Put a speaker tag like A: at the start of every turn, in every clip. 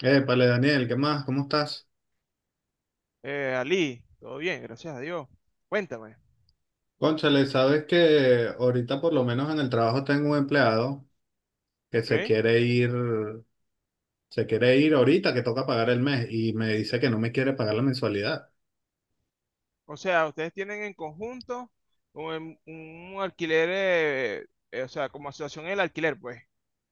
A: Épale, Daniel, ¿qué más? ¿Cómo estás?
B: Ali, todo bien, gracias a Dios. Cuéntame,
A: Cónchale, sabes que ahorita por lo menos en el trabajo tengo un empleado que
B: ¿ok?
A: se quiere ir ahorita que toca pagar el mes y me dice que no me quiere pagar la mensualidad.
B: O sea, ustedes tienen en conjunto un, un alquiler, o sea, como asociación el alquiler, pues.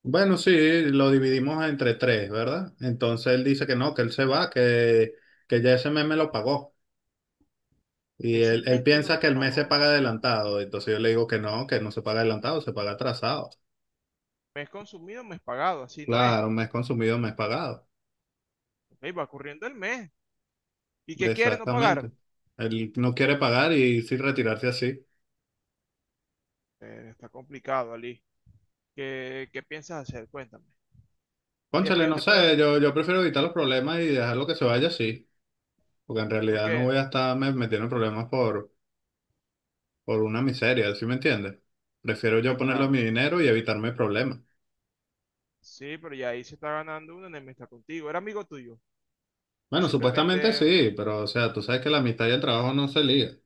A: Bueno, sí, lo dividimos entre tres, ¿verdad? Entonces él dice que no, que él se va, que ya ese mes me lo pagó.
B: Que
A: Y
B: ese
A: él, él
B: mes te lo
A: piensa que el mes se paga
B: pagó.
A: adelantado. Entonces yo le digo que no se paga adelantado, se paga atrasado.
B: Mes consumido, mes pagado, así no es.
A: Claro, mes consumido, mes pagado.
B: Ok, va corriendo el mes. ¿Y qué quiere no pagar?
A: Exactamente. Él no quiere pagar y sí retirarse así.
B: Está complicado, Ali. ¿Qué piensas hacer? Cuéntame. Y después
A: Cónchale,
B: yo
A: no
B: te puedo...
A: sé, yo prefiero evitar los problemas y dejarlo que se vaya así, porque en
B: ¿Por
A: realidad no
B: qué?
A: voy a estar metiendo en problemas por una miseria, ¿sí me entiendes? Prefiero yo
B: Sí,
A: ponerlo mi
B: claro.
A: dinero y evitarme problemas.
B: Sí, pero ya ahí se está ganando uno en el está contigo. ¿Era amigo tuyo? ¿O
A: Bueno, supuestamente
B: simplemente
A: sí, pero o sea, tú sabes que la amistad y el trabajo no se ligan.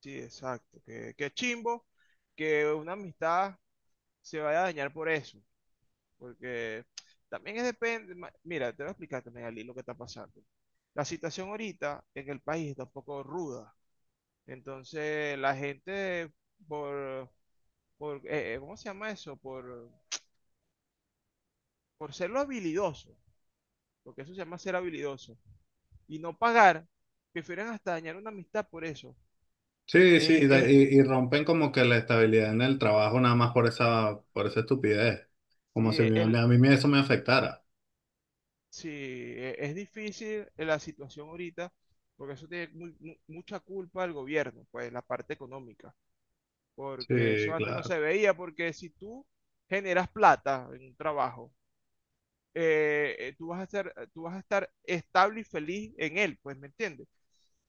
B: sí, exacto. Qué chimbo que una amistad se vaya a dañar por eso. Porque también es depende. Mira, te voy a explicar también, Ali, lo que está pasando. La situación ahorita en el país está un poco ruda. Entonces, la gente, por, ¿cómo se llama eso? Por ser lo habilidoso, porque eso se llama ser habilidoso, y no pagar, prefieren hasta dañar una amistad por eso.
A: Sí, sí,
B: Es,
A: y,
B: es-
A: de- y- y rompen como que la estabilidad en el trabajo nada más por esa estupidez, como
B: sí,
A: si a mí,
B: el,
A: a mí eso me afectara.
B: Sí, es difícil la situación ahorita, porque eso tiene mucha culpa al gobierno, pues la parte económica,
A: Sí,
B: porque eso antes no
A: claro.
B: se veía, porque si tú generas plata en un trabajo tú vas a ser, tú vas a estar estable y feliz en él, pues, ¿me entiendes?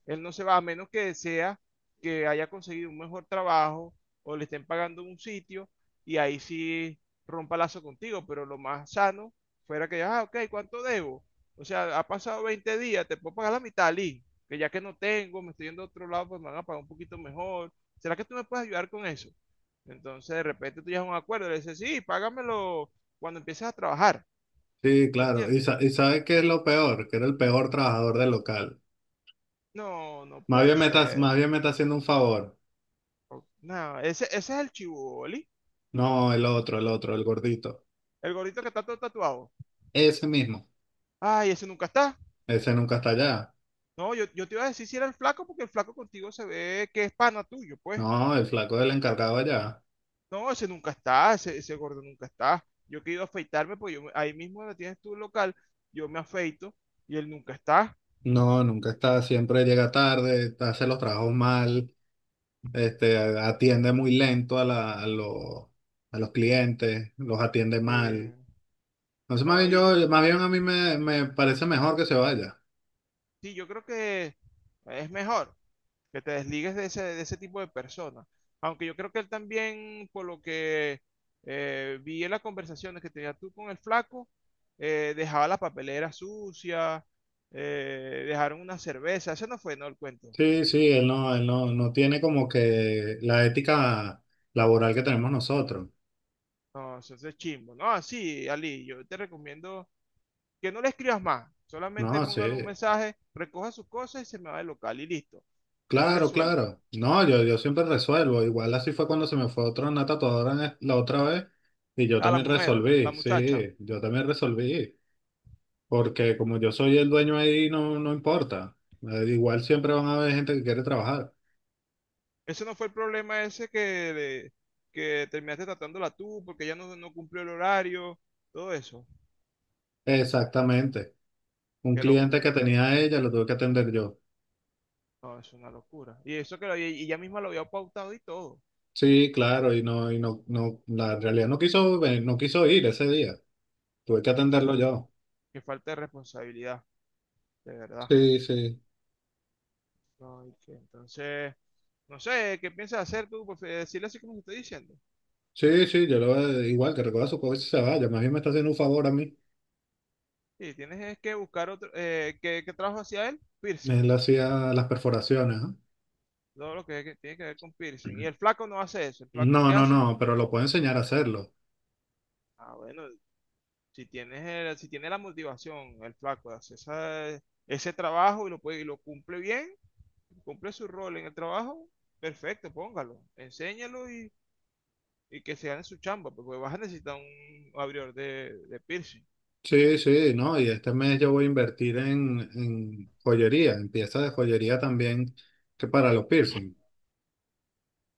B: Él no se va a menos que desea que haya conseguido un mejor trabajo o le estén pagando en un sitio y ahí sí rompa lazo contigo, pero lo más sano fuera que, ah, ok, ¿cuánto debo? O sea, ha pasado 20 días, te puedo pagar la mitad, Lee, que ya que no tengo, me estoy yendo a otro lado, pues me van a pagar un poquito mejor. ¿Será que tú me puedes ayudar con eso? Entonces, de repente tú llegas a un acuerdo, le dices, sí, págamelo cuando empieces a trabajar.
A: Sí,
B: ¿Me
A: claro. ¿Y,
B: entiendes?
A: sa- y sabes qué es lo peor? Que era el peor trabajador del local.
B: No, no
A: Más
B: puede
A: bien me está,
B: ser.
A: más bien me está haciendo un favor.
B: No, ese es el chiboli,
A: No, el otro, el gordito.
B: el gordito que está todo tatuado.
A: Ese mismo.
B: Ay, ese nunca está.
A: Ese nunca está allá.
B: No, yo te iba a decir si era el flaco, porque el flaco contigo se ve que es pana tuyo, pues.
A: No, el flaco del encargado allá.
B: No, ese nunca está, ese gordo nunca está. Yo quiero afeitarme, pues yo, ahí mismo donde tienes tu local, yo me afeito y él nunca está.
A: No, nunca está. Siempre llega tarde, hace los trabajos mal, atiende muy lento a los clientes, los atiende mal.
B: Eh,
A: Entonces,
B: no, y,
A: más bien a mí me parece mejor que se vaya.
B: sí, yo creo que es mejor, que te desligues de ese tipo de personas. Aunque yo creo que él también, por lo que vi en las conversaciones que tenías tú con el flaco, dejaba la papelera sucia, dejaron una cerveza, ese no fue, no, el cuento.
A: Sí, sí, él no tiene como que la ética laboral que tenemos nosotros.
B: No, eso es chimbo. No, sí, Ali, yo te recomiendo que no le escribas más,
A: No,
B: solamente
A: sí,
B: pongan un mensaje, recoja sus cosas y se me va del local y listo. Yo
A: claro,
B: resuelvo.
A: claro. No, yo siempre resuelvo. Igual así fue cuando se me fue otra una tatuadora en la otra vez y yo
B: A la
A: también
B: mujer, la
A: resolví,
B: muchacha,
A: sí, yo también resolví. Porque como yo soy el dueño ahí, no, no importa. Igual siempre van a haber gente que quiere trabajar.
B: ese no fue el problema ese que, que terminaste tratándola tú porque ella no, no cumplió el horario, todo eso.
A: Exactamente. Un
B: Qué
A: cliente que
B: locura.
A: tenía ella lo tuve que atender yo.
B: No, es una locura. Y eso que lo, y ella misma lo había pautado y todo.
A: Sí, claro, y no, la realidad no quiso ir ese día. Tuve que
B: Qué, fal-
A: atenderlo yo.
B: qué falta de responsabilidad, de verdad.
A: Sí, sí.
B: No, y que entonces, no sé, ¿qué piensas hacer tú? Pues, decirle así como te estoy diciendo.
A: Sí, sí, yo lo igual que recoja su coche y se vaya. Más bien me está haciendo un favor a mí.
B: Sí, tienes es que buscar otro, ¿qué trabajo hacía él? Piercing.
A: Él hacía las perforaciones, ¿ah?
B: Todo lo que tiene que ver con piercing. Y el flaco no hace eso. ¿El flaco
A: No,
B: qué
A: no,
B: hace?
A: no, pero lo puedo enseñar a hacerlo.
B: Ah, bueno, si tienes si tiene la motivación, el flaco, de hacer ese trabajo y lo, puede, y lo cumple bien, cumple su rol en el trabajo, perfecto, póngalo, enséñalo y que se gane su chamba, porque vas a necesitar un abridor de piercing.
A: Sí, sí, no, y este mes yo voy a invertir en, joyería, en piezas de joyería también que para los piercing.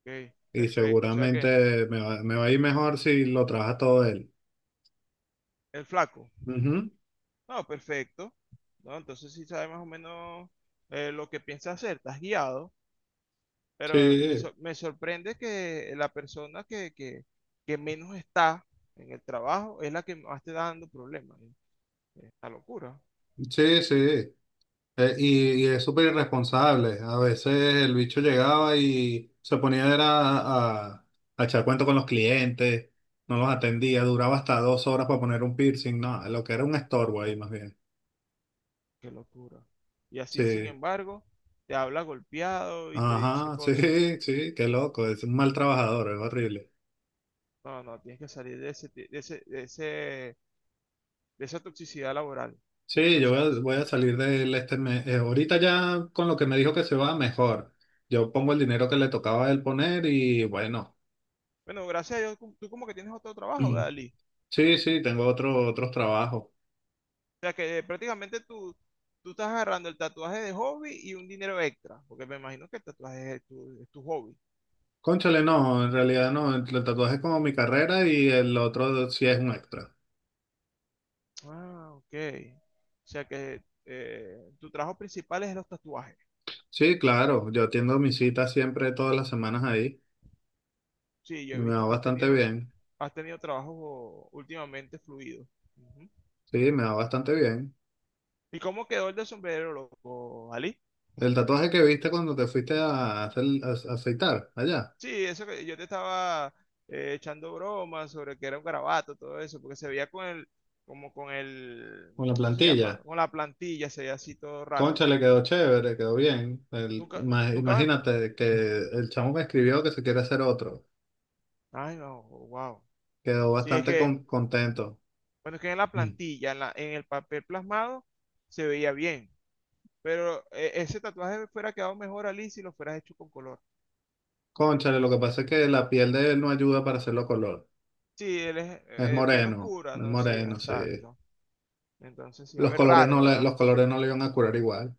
B: Ok,
A: Y
B: perfecto. O sea que
A: seguramente me va a ir mejor si lo trabaja todo él.
B: el flaco,
A: Ujú.
B: no, perfecto. No, entonces sí sabes más o menos lo que piensas hacer, estás guiado. Pero
A: Sí,
B: me sorprende que la persona que menos está en el trabajo es la que más te está dando problemas, ¿no? Esta locura,
A: sí, sí. Y es súper irresponsable. A veces el bicho llegaba y se ponía era a, a a echar cuento con los clientes, no los atendía, duraba hasta 2 horas para poner un piercing, no, lo que era un estorbo ahí más bien.
B: qué locura. Y así, sin
A: Sí,
B: embargo, te habla golpeado y te dice
A: ajá, sí,
B: cosas.
A: sí, qué loco, es un mal trabajador, es horrible.
B: No, no, tienes que salir de ese, de ese, de ese, de esa toxicidad laboral.
A: Sí, yo
B: Pues
A: voy a,
B: es-
A: voy a salir de él este mes. Ahorita ya con lo que me dijo que se va, mejor. Yo pongo el dinero que le tocaba a él poner y bueno,
B: Bueno, gracias a Dios, tú como que tienes otro trabajo, ¿verdad, Lee?
A: sí, sí, tengo otros trabajos.
B: O sea que prácticamente tú, tú estás agarrando el tatuaje de hobby y un dinero extra, porque me imagino que el tatuaje es tu hobby.
A: Cónchale, no, en realidad no. El tatuaje es como mi carrera y el otro sí es un extra.
B: Ah, ok. O sea que tu trabajo principal es los tatuajes.
A: Sí, claro, yo atiendo mis citas siempre todas las semanas ahí
B: Sí, yo
A: y
B: he
A: me va
B: visto que
A: bastante bien.
B: has tenido trabajos últimamente fluidos. Ujú.
A: Sí, me va bastante bien.
B: ¿Y cómo quedó el del sombrero, loco, Ali?
A: El tatuaje que viste cuando te fuiste a afeitar allá,
B: Sí, eso que yo te estaba echando bromas sobre que era un garabato, todo eso, porque se veía con el, como con el,
A: con la
B: eso se llama,
A: plantilla.
B: con la plantilla, se veía así todo raro.
A: Cónchale, quedó chévere, quedó bien. El-
B: Nunca,
A: ima-
B: nunca me...
A: imagínate que el chamo me escribió que se quiere hacer otro.
B: Ay, no, wow.
A: Quedó
B: Sí, es
A: bastante
B: que...
A: contento.
B: Bueno, es que en la
A: Mm.
B: plantilla, en, en el papel plasmado, se veía bien. Pero ese tatuaje fuera quedado mejor a Liz si lo fueras hecho con color.
A: Cónchale, lo que pasa es que la piel de él no ayuda para hacerlo color.
B: Sí, él es piel oscura,
A: Es
B: ¿no? Sí,
A: moreno, sí.
B: exacto. Entonces sí va a
A: Los
B: ver
A: colores
B: raro,
A: no le,
B: ¿verdad?
A: los colores no le iban a curar igual.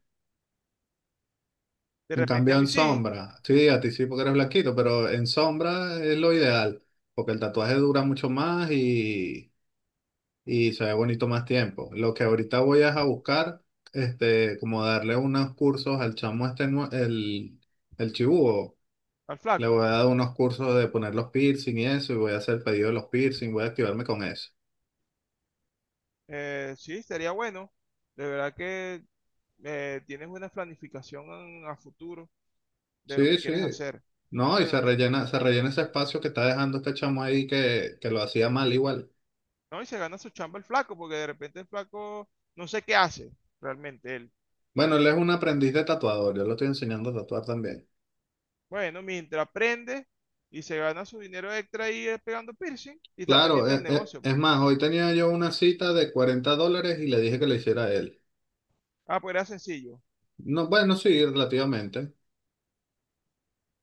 B: De
A: En
B: repente
A: cambio,
B: a
A: en
B: mí sí,
A: sombra, sí, a ti sí porque eres blanquito, pero en sombra es lo ideal, porque el tatuaje dura mucho más y se ve bonito más tiempo. Lo que ahorita voy es a buscar, como darle unos cursos al chamo este, el chibúo.
B: al
A: Le voy
B: flaco.
A: a dar unos cursos de poner los piercing y eso, y voy a hacer el pedido de los piercing, voy a activarme con eso.
B: Sí, sería bueno. De verdad que tienes una planificación a futuro de lo
A: Sí,
B: que
A: sí.
B: quieres hacer.
A: No, y
B: Bueno,
A: se rellena, se rellena ese espacio que está dejando este chamo ahí que lo hacía mal igual.
B: no, y se gana su chamba el flaco, porque de repente el flaco no sé qué hace realmente él.
A: Bueno, él es un aprendiz de tatuador, yo lo estoy enseñando a tatuar también.
B: Bueno, mientras aprende y se gana su dinero extra ahí pegando piercing y está
A: Claro,
B: pendiente del
A: es, es-
B: negocio,
A: es
B: pues.
A: más, hoy tenía yo una cita de $40 y le dije que la hiciera él.
B: Ah, pues era sencillo.
A: No, bueno, sí, relativamente.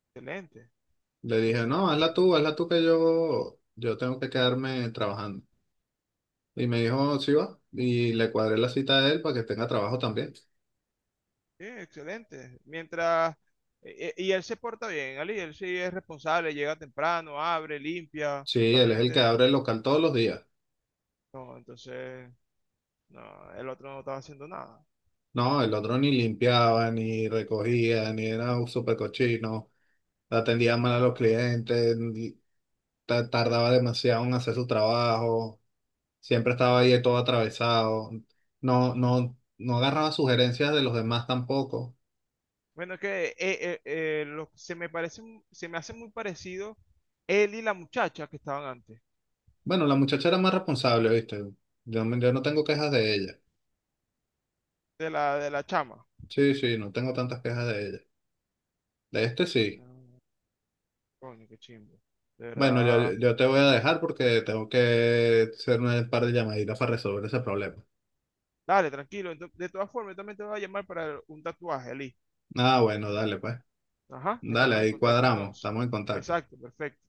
B: Excelente,
A: Le dije, no,
B: excelente, excelente.
A: hazla tú que yo tengo que quedarme trabajando. Y me dijo, sí va. Y le cuadré la cita a él para que tenga trabajo también.
B: Sí, excelente. Mientras, y él se porta bien, Ali, él sí es responsable, llega temprano, abre, limpia,
A: Sí,
B: está
A: él es el
B: pendiente
A: que
B: de todo.
A: abre el local todos los días.
B: No, entonces, no, el otro no estaba haciendo nada.
A: No, el otro ni limpiaba, ni recogía, ni era un súper cochino, atendía mal a los
B: No.
A: clientes, tardaba demasiado en hacer su trabajo, siempre estaba ahí todo atravesado, no, no, no agarraba sugerencias de los demás tampoco.
B: Bueno, es que se me parece, se me hace muy parecido él y la muchacha que estaban antes,
A: Bueno, la muchacha era más responsable, ¿viste? Yo no tengo quejas de ella.
B: de la chama.
A: Sí, sí, no tengo tantas quejas de ella. De este sí.
B: Coño, qué chimbo. De
A: Bueno, yo,
B: verdad.
A: yo te voy a dejar porque tengo que hacer un par de llamaditas para resolver ese problema.
B: Dale, tranquilo. De todas formas, yo también te voy a llamar para un tatuaje, Ali.
A: Ah, bueno, dale, pues.
B: Ajá,
A: Dale,
B: estamos en
A: ahí
B: contacto
A: cuadramos,
B: entonces.
A: estamos en contacto.
B: Exacto, perfecto.